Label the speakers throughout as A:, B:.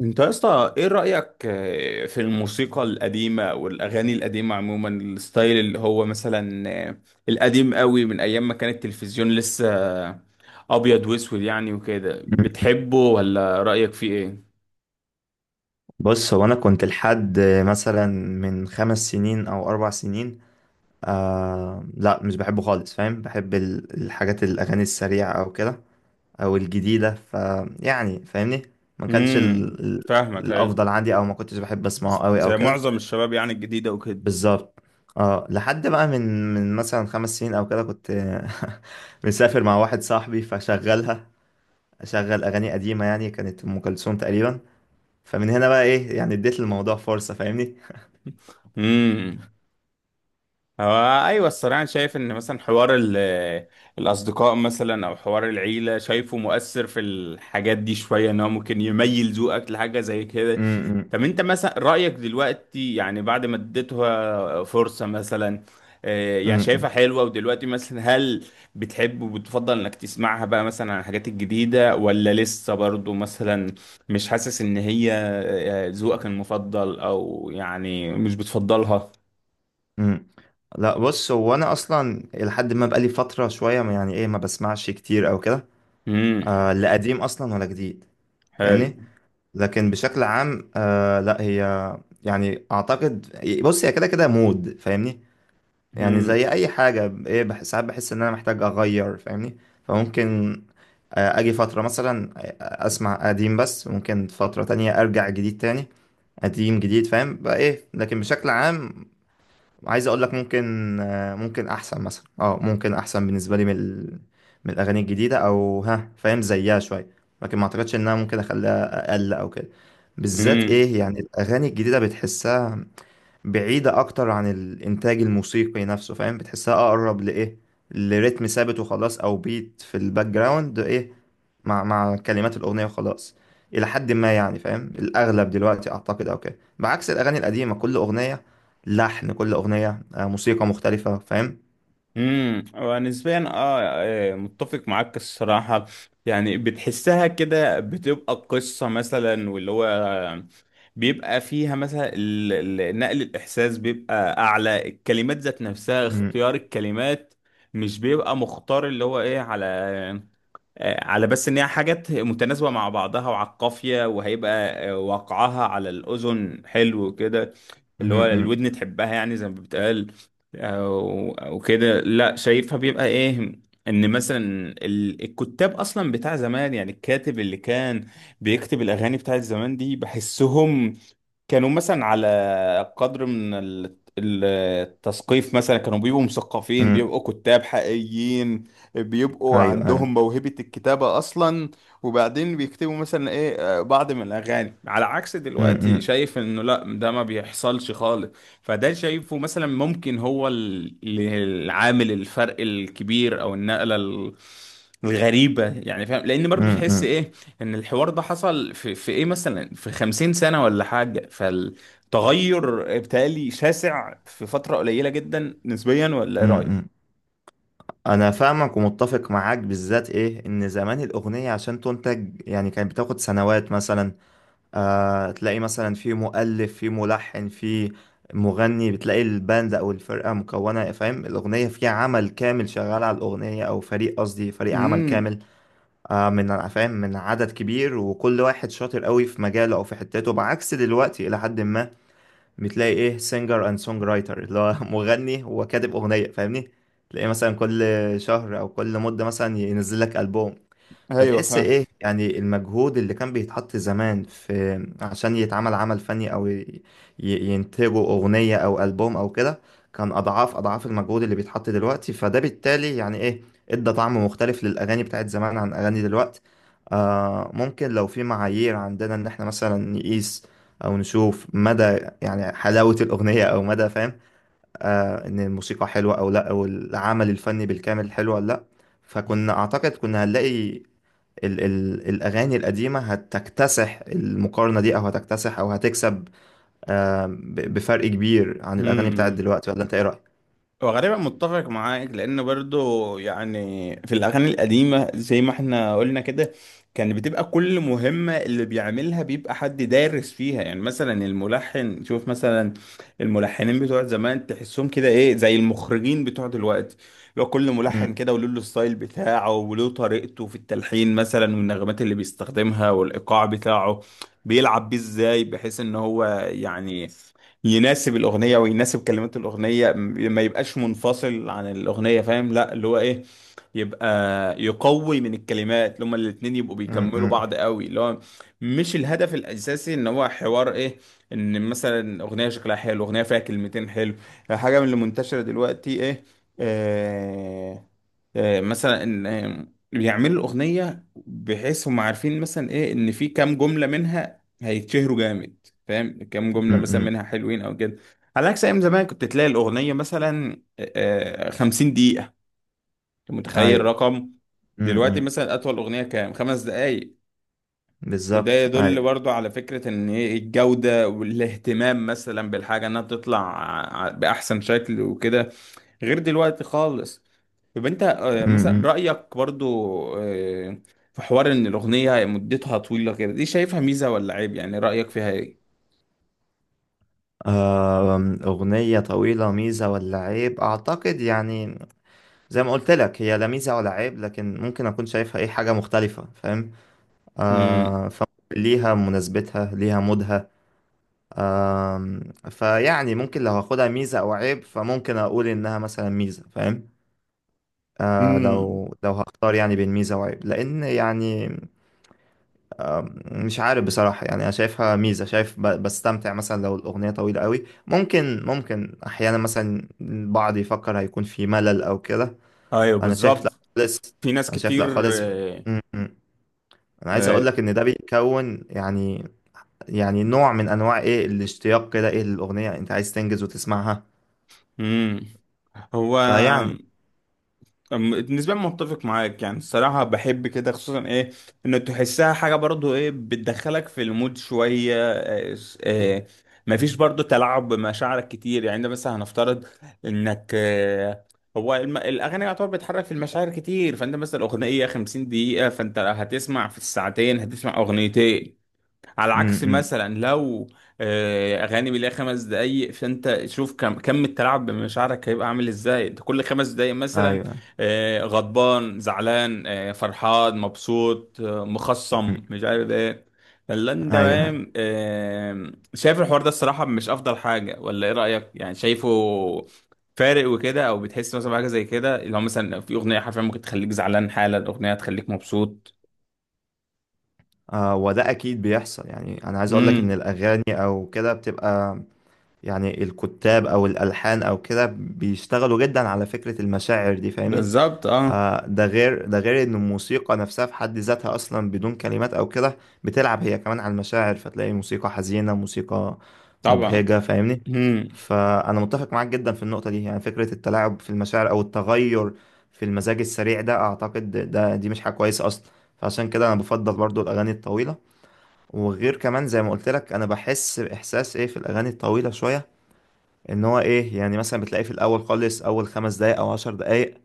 A: انت يا اسطى ايه رأيك في الموسيقى القديمة والاغاني القديمة عموما الستايل اللي هو مثلا القديم قوي من ايام ما كان التلفزيون لسه آه، ابيض واسود يعني وكده،
B: مم.
A: بتحبه ولا رأيك فيه ايه؟
B: بص، هو انا كنت لحد مثلا من خمس سنين او اربع سنين، آه لا مش بحبه خالص، فاهم؟ بحب الحاجات، الاغاني السريعه او كده، او الجديده. ف يعني فاهمني، ما كانش
A: امم فاهمك أيوة.
B: الافضل عندي، او ما كنتش بحب اسمعه قوي او
A: زي
B: كده.
A: معظم الشباب يعني الجديدة وكده.
B: بالظبط. اه، لحد بقى من مثلا خمس سنين او كده، كنت مسافر مع واحد صاحبي، فشغلها، اشغل اغاني قديمه، يعني كانت ام كلثوم تقريبا. فمن هنا بقى ايه، يعني اديت الموضوع فرصه، فاهمني.
A: امم هو ايوه الصراحه، أنا شايف ان مثلا حوار الاصدقاء مثلا او حوار العيله شايفه مؤثر في الحاجات دي شويه، ان هو ممكن يميل ذوقك لحاجه زي كده.
B: امم،
A: طب انت مثلا رايك دلوقتي يعني بعد ما اديتها فرصه مثلا،
B: امم.
A: يعني شايفها
B: امم،
A: حلوه ودلوقتي مثلا هل بتحب وبتفضل انك تسمعها بقى مثلا عن الحاجات الجديده، ولا لسه برضو مثلا مش حاسس ان هي ذوقك المفضل، او يعني مش بتفضلها؟
B: امم. لا، بص، هو انا اصلا لحد ما بقالي فتره شويه يعني ايه، ما بسمعش كتير او كده.
A: امم
B: آه لا، قديم اصلا ولا جديد، فاهمني.
A: حلو.
B: لكن بشكل عام، آه لا، هي يعني اعتقد، بص، هي كده كده مود، فاهمني. يعني
A: امم
B: زي اي حاجه ايه ساعات بحس ان انا محتاج اغير، فاهمني. فممكن آه اجي فتره مثلا اسمع قديم، بس ممكن فتره تانية ارجع جديد تاني. قديم جديد، فاهم بقى ايه. لكن بشكل عام، عايز اقول لك، ممكن احسن مثلا، اه ممكن احسن بالنسبه لي من من الاغاني الجديده، او ها فاهم، زيها شويه. لكن ما اعتقدش انها ممكن اخليها اقل او كده. بالذات
A: امم
B: ايه، يعني الاغاني الجديده بتحسها بعيدة أكتر عن الإنتاج الموسيقي نفسه، فاهم؟ بتحسها أقرب لإيه، لريتم ثابت وخلاص، أو بيت في الباك جراوند، إيه، مع كلمات الأغنية وخلاص. إلى حد ما يعني، فاهم، الأغلب دلوقتي أعتقد، أو كده، بعكس الأغاني القديمة، كل أغنية لحن، كل أغنية آه، موسيقى مختلفة، فاهم؟
A: ونسبيا متفق معاك الصراحه. يعني بتحسها كده بتبقى قصه مثلا، واللي هو بيبقى فيها مثلا نقل الاحساس بيبقى اعلى، الكلمات ذات نفسها،
B: مم،
A: اختيار الكلمات مش بيبقى مختار اللي هو ايه على على بس ان هي حاجات متناسبه مع بعضها وعلى القافيه، وهيبقى وقعها على الاذن حلو كده،
B: مم.
A: اللي هو
B: مم،
A: الودن تحبها يعني زي ما بتقال او كده. لا، شايفها بيبقى ايه، ان مثلا الكتاب اصلا بتاع زمان، يعني الكاتب اللي كان بيكتب الاغاني بتاعت زمان دي بحسهم كانوا مثلا على قدر من التثقيف، مثلا كانوا بيبقوا مثقفين،
B: مم.
A: بيبقوا كتاب حقيقيين، بيبقوا
B: أيوه، أيوه.
A: عندهم موهبة الكتابة أصلا. وبعدين بيكتبوا مثلا إيه، بعض من الأغاني، على عكس
B: مم،
A: دلوقتي.
B: مم.
A: شايف إنه لأ، ده ما بيحصلش خالص. فده شايفه مثلا ممكن هو العامل، الفرق الكبير، او النقله الغريبه، يعني فاهم، لان برضو
B: مم،
A: تحس
B: مم،
A: ايه ان الحوار ده حصل في ايه مثلا في 50 سنه ولا حاجه، فالتغير بتالي شاسع في فتره قليله جدا نسبيا، ولا ايه رايك؟
B: مم. انا فاهمك ومتفق معاك، بالذات ايه ان زمان الاغنيه عشان تنتج يعني كانت بتاخد سنوات مثلا. آه، تلاقي مثلا في مؤلف، في ملحن، في مغني، بتلاقي الباند او الفرقه مكونه، فاهم، الاغنيه فيها عمل كامل شغال على الاغنيه، او فريق، قصدي فريق عمل
A: امم
B: كامل، آه، من فاهم، من عدد كبير، وكل واحد شاطر قوي في مجاله او في حتته، بعكس دلوقتي الى حد ما. بتلاقي ايه سينجر اند سونج رايتر، اللي هو مغني وكاتب اغنيه، فاهمني. تلاقي مثلا كل شهر او كل مده مثلا ينزل لك البوم.
A: ايوه
B: فتحس
A: فاهم.
B: ايه، يعني المجهود اللي كان بيتحط زمان في عشان يتعمل عمل فني، او ينتجوا اغنية او البوم او كده، كان اضعاف اضعاف المجهود اللي بيتحط دلوقتي. فده بالتالي يعني ايه ادى طعم مختلف للاغاني بتاعت زمان عن اغاني دلوقتي. آه، ممكن لو في معايير عندنا ان احنا مثلا نقيس او نشوف مدى يعني حلاوة الاغنية، او مدى فاهم، آه، ان الموسيقى حلوه او لا، او العمل الفني بالكامل حلو ولا لا، فكنا اعتقد كنا هنلاقي ال ال الاغاني القديمه هتكتسح المقارنه دي، او هتكتسح، او هتكسب آه، بفرق كبير عن الاغاني بتاعت
A: امم
B: دلوقتي. ولا انت ايه رايك؟
A: هو غالبا متفق معاك، لان برضو يعني في الاغاني القديمه زي ما احنا قلنا كده، كان بتبقى كل مهمه اللي بيعملها بيبقى حد دارس فيها. يعني مثلا الملحن، شوف مثلا الملحنين بتوع زمان، تحسهم كده ايه زي المخرجين بتوع دلوقتي، لو كل ملحن
B: مم،
A: كده وله الستايل بتاعه وله طريقته في التلحين مثلا، والنغمات اللي بيستخدمها والايقاع بتاعه بيلعب بيه ازاي، بحيث ان هو يعني يناسب الاغنيه ويناسب كلمات الاغنيه، ما يبقاش منفصل عن الاغنيه، فاهم؟ لا، اللي هو ايه، يبقى يقوي من الكلمات، اللي هما الاتنين يبقوا
B: مم.
A: بيكملوا
B: مم،
A: بعض قوي. اللي هو مش الهدف الاساسي ان هو حوار ايه، ان مثلا اغنيه شكلها حلو، اغنيه فيها كلمتين حلو، حاجه من اللي منتشره دلوقتي ايه. آه مثلا ان بيعملوا الاغنيه بحيث هم عارفين مثلا ايه ان في كام جمله منها هيتشهروا جامد، فاهم، كام جملة
B: مم،
A: مثلا
B: مم.
A: منها حلوين أو كده. على عكس أيام زمان كنت تلاقي الأغنية مثلا 50 دقيقة، أنت متخيل
B: ايوه.
A: رقم؟
B: مم،
A: دلوقتي
B: مم.
A: مثلا أطول أغنية كام؟ 5 دقايق. وده
B: بالظبط،
A: يدل
B: ايوه.
A: برضو على فكرة إن إيه الجودة والاهتمام مثلا بالحاجة، إنها تطلع بأحسن شكل وكده، غير دلوقتي خالص. طب أنت
B: مم،
A: مثلا
B: مم.
A: رأيك برضو آه، في حوار إن الأغنية مدتها طويلة كده، دي شايفها ميزة ولا عيب؟ يعني رأيك فيها إيه؟
B: آم، أغنية طويلة ميزة ولا عيب؟ أعتقد يعني زي ما قلت لك، هي لا ميزة ولا عيب، لكن ممكن أكون شايفها إيه، حاجة مختلفة، فاهم؟ آه، فليها مناسبتها، ليها مودها. آه، فيعني ممكن لو هاخدها ميزة أو عيب، فممكن أقول إنها مثلا ميزة، فاهم؟ آه،
A: مم.
B: لو لو هختار يعني بين ميزة وعيب، لأن يعني مش عارف بصراحة، يعني أنا شايفها ميزة، شايف بستمتع مثلا لو الأغنية طويلة قوي. ممكن، ممكن أحيانا مثلا البعض يفكر هيكون في ملل أو كده،
A: ايوه
B: أنا شايف لأ
A: بالظبط.
B: خالص.
A: في ناس
B: أنا شايف
A: كتير.
B: لأ خالص.
A: آه،
B: م، م. أنا عايز أقول
A: آه،
B: لك إن ده بيكون يعني، يعني نوع من انواع ايه الاشتياق كده، ايه، للاغنيه، انت عايز تنجز وتسمعها.
A: امم هو
B: فيعني،
A: أم- نسبيا متفق معاك، يعني الصراحه بحب كده، خصوصا ايه ان تحسها حاجه برضو ايه بتدخلك في المود شويه، مفيش برضو تلاعب بمشاعرك كتير. يعني انت مثلا هنفترض انك هو الاغاني يعتبر بتحرك في المشاعر كتير، فانت مثلا اغنيه 50 دقيقه، فانت هتسمع في الساعتين هتسمع اغنيتين، على عكس
B: امم.
A: مثلا لو اغاني بيلاقي 5 دقايق، فانت شوف كم التلاعب بمشاعرك هيبقى عامل ازاي، انت كل 5 دقايق مثلا
B: ايوه.
A: غضبان زعلان، فرحان مبسوط،
B: مم.
A: مخصم، مش عارف ايه. فاللي انت
B: ايوه، ايوه.
A: فاهم، شايف الحوار ده الصراحة مش افضل حاجة، ولا ايه رأيك؟ يعني شايفه فارق وكده، او بتحس مثلا بحاجة زي كده، اللي هو مثلا في اغنية حرفيا ممكن تخليك زعلان، حالا اغنية تخليك مبسوط.
B: آه، وده اكيد بيحصل، يعني انا عايز اقول لك ان
A: امم
B: الاغاني او كده بتبقى، يعني الكتاب او الالحان او كده بيشتغلوا جدا على فكره المشاعر دي، فاهمني.
A: بالظبط اه.
B: آه، ده غير، ده غير ان الموسيقى نفسها في حد ذاتها اصلا بدون كلمات او كده بتلعب هي كمان على المشاعر، فتلاقي موسيقى حزينة، موسيقى
A: طبعا.
B: مبهجة، فاهمني.
A: امم
B: فانا متفق معاك جدا في النقطة دي، يعني فكرة التلاعب في المشاعر او التغير في المزاج السريع ده، اعتقد ده دي مش حاجة كويسة اصلا. فعشان كده انا بفضل برضو الاغاني الطويلة. وغير كمان زي ما قلت لك، انا بحس باحساس ايه في الاغاني الطويلة شوية، ان هو ايه، يعني مثلا بتلاقي في الاول خالص، اول خمس دقايق او عشر دقايق،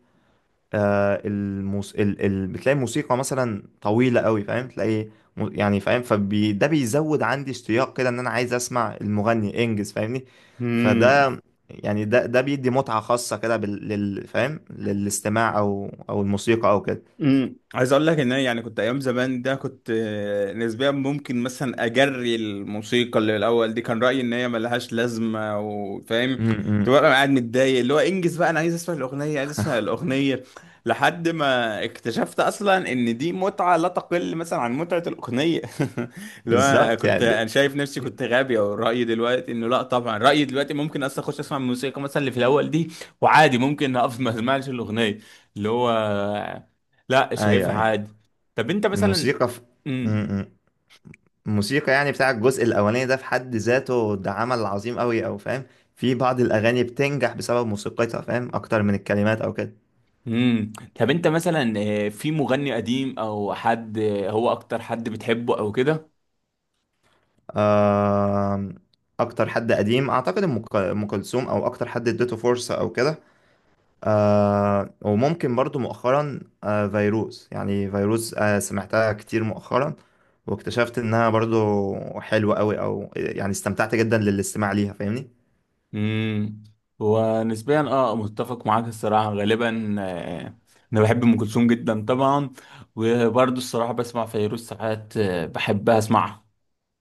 B: آه بتلاقي موسيقى مثلا طويلة قوي، فاهم، تلاقي يعني فاهم، ده بيزود عندي اشتياق كده، ان انا عايز اسمع المغني انجز، فاهمني.
A: امم
B: فده يعني، ده ده بيدي متعة خاصة كده فاهم، للاستماع او او الموسيقى او كده.
A: عايز اقول لك ان انا يعني كنت ايام زمان ده، كنت نسبيا ممكن مثلا اجري الموسيقى اللي الاول دي، كان رايي ان هي ملهاش لازمه، وفاهم،
B: امم.
A: تبقى انا قاعد متضايق اللي هو انجز بقى، انا عايز اسمع الاغنيه عايز اسمع الاغنيه. لحد ما اكتشفت اصلا ان دي متعه لا تقل مثلا عن متعه الاغنيه. اللي هو أنا
B: بالظبط
A: كنت
B: يعني ده...
A: انا شايف نفسي كنت غبي، او رايي دلوقتي انه لا، طبعا رايي دلوقتي ممكن اصلا اخش اسمع الموسيقى مثلا اللي في الاول دي، وعادي ممكن اقف ما اسمعش الاغنيه، اللي هو لا
B: ايوه،
A: شايفها
B: ايوه.
A: عادي. طب انت مثلا.
B: الموسيقى في...
A: امم
B: امم. الموسيقى يعني بتاع الجزء الاولاني ده في حد ذاته، ده عمل عظيم قوي، او فاهم في بعض الاغاني بتنجح بسبب موسيقتها، فاهم، اكتر من الكلمات او كده.
A: امم طب انت مثلا في مغني قديم او حد هو اكتر حد بتحبه او كده؟
B: آم، اكتر حد قديم اعتقد أم كلثوم، او اكتر حد اديته فرصه او كده. آه، وممكن برضو مؤخرا آه، فيروز، يعني فيروز آه، سمعتها كتير مؤخرا، واكتشفت انها برضو حلوة قوي، او يعني استمتعت جدا للاستماع ليها، فاهمني.
A: امم ونسبيا متفق معاك الصراحه غالبا. انا بحب ام كلثوم جدا طبعا، وبرضه الصراحه بسمع فيروز ساعات، بحب اسمعها.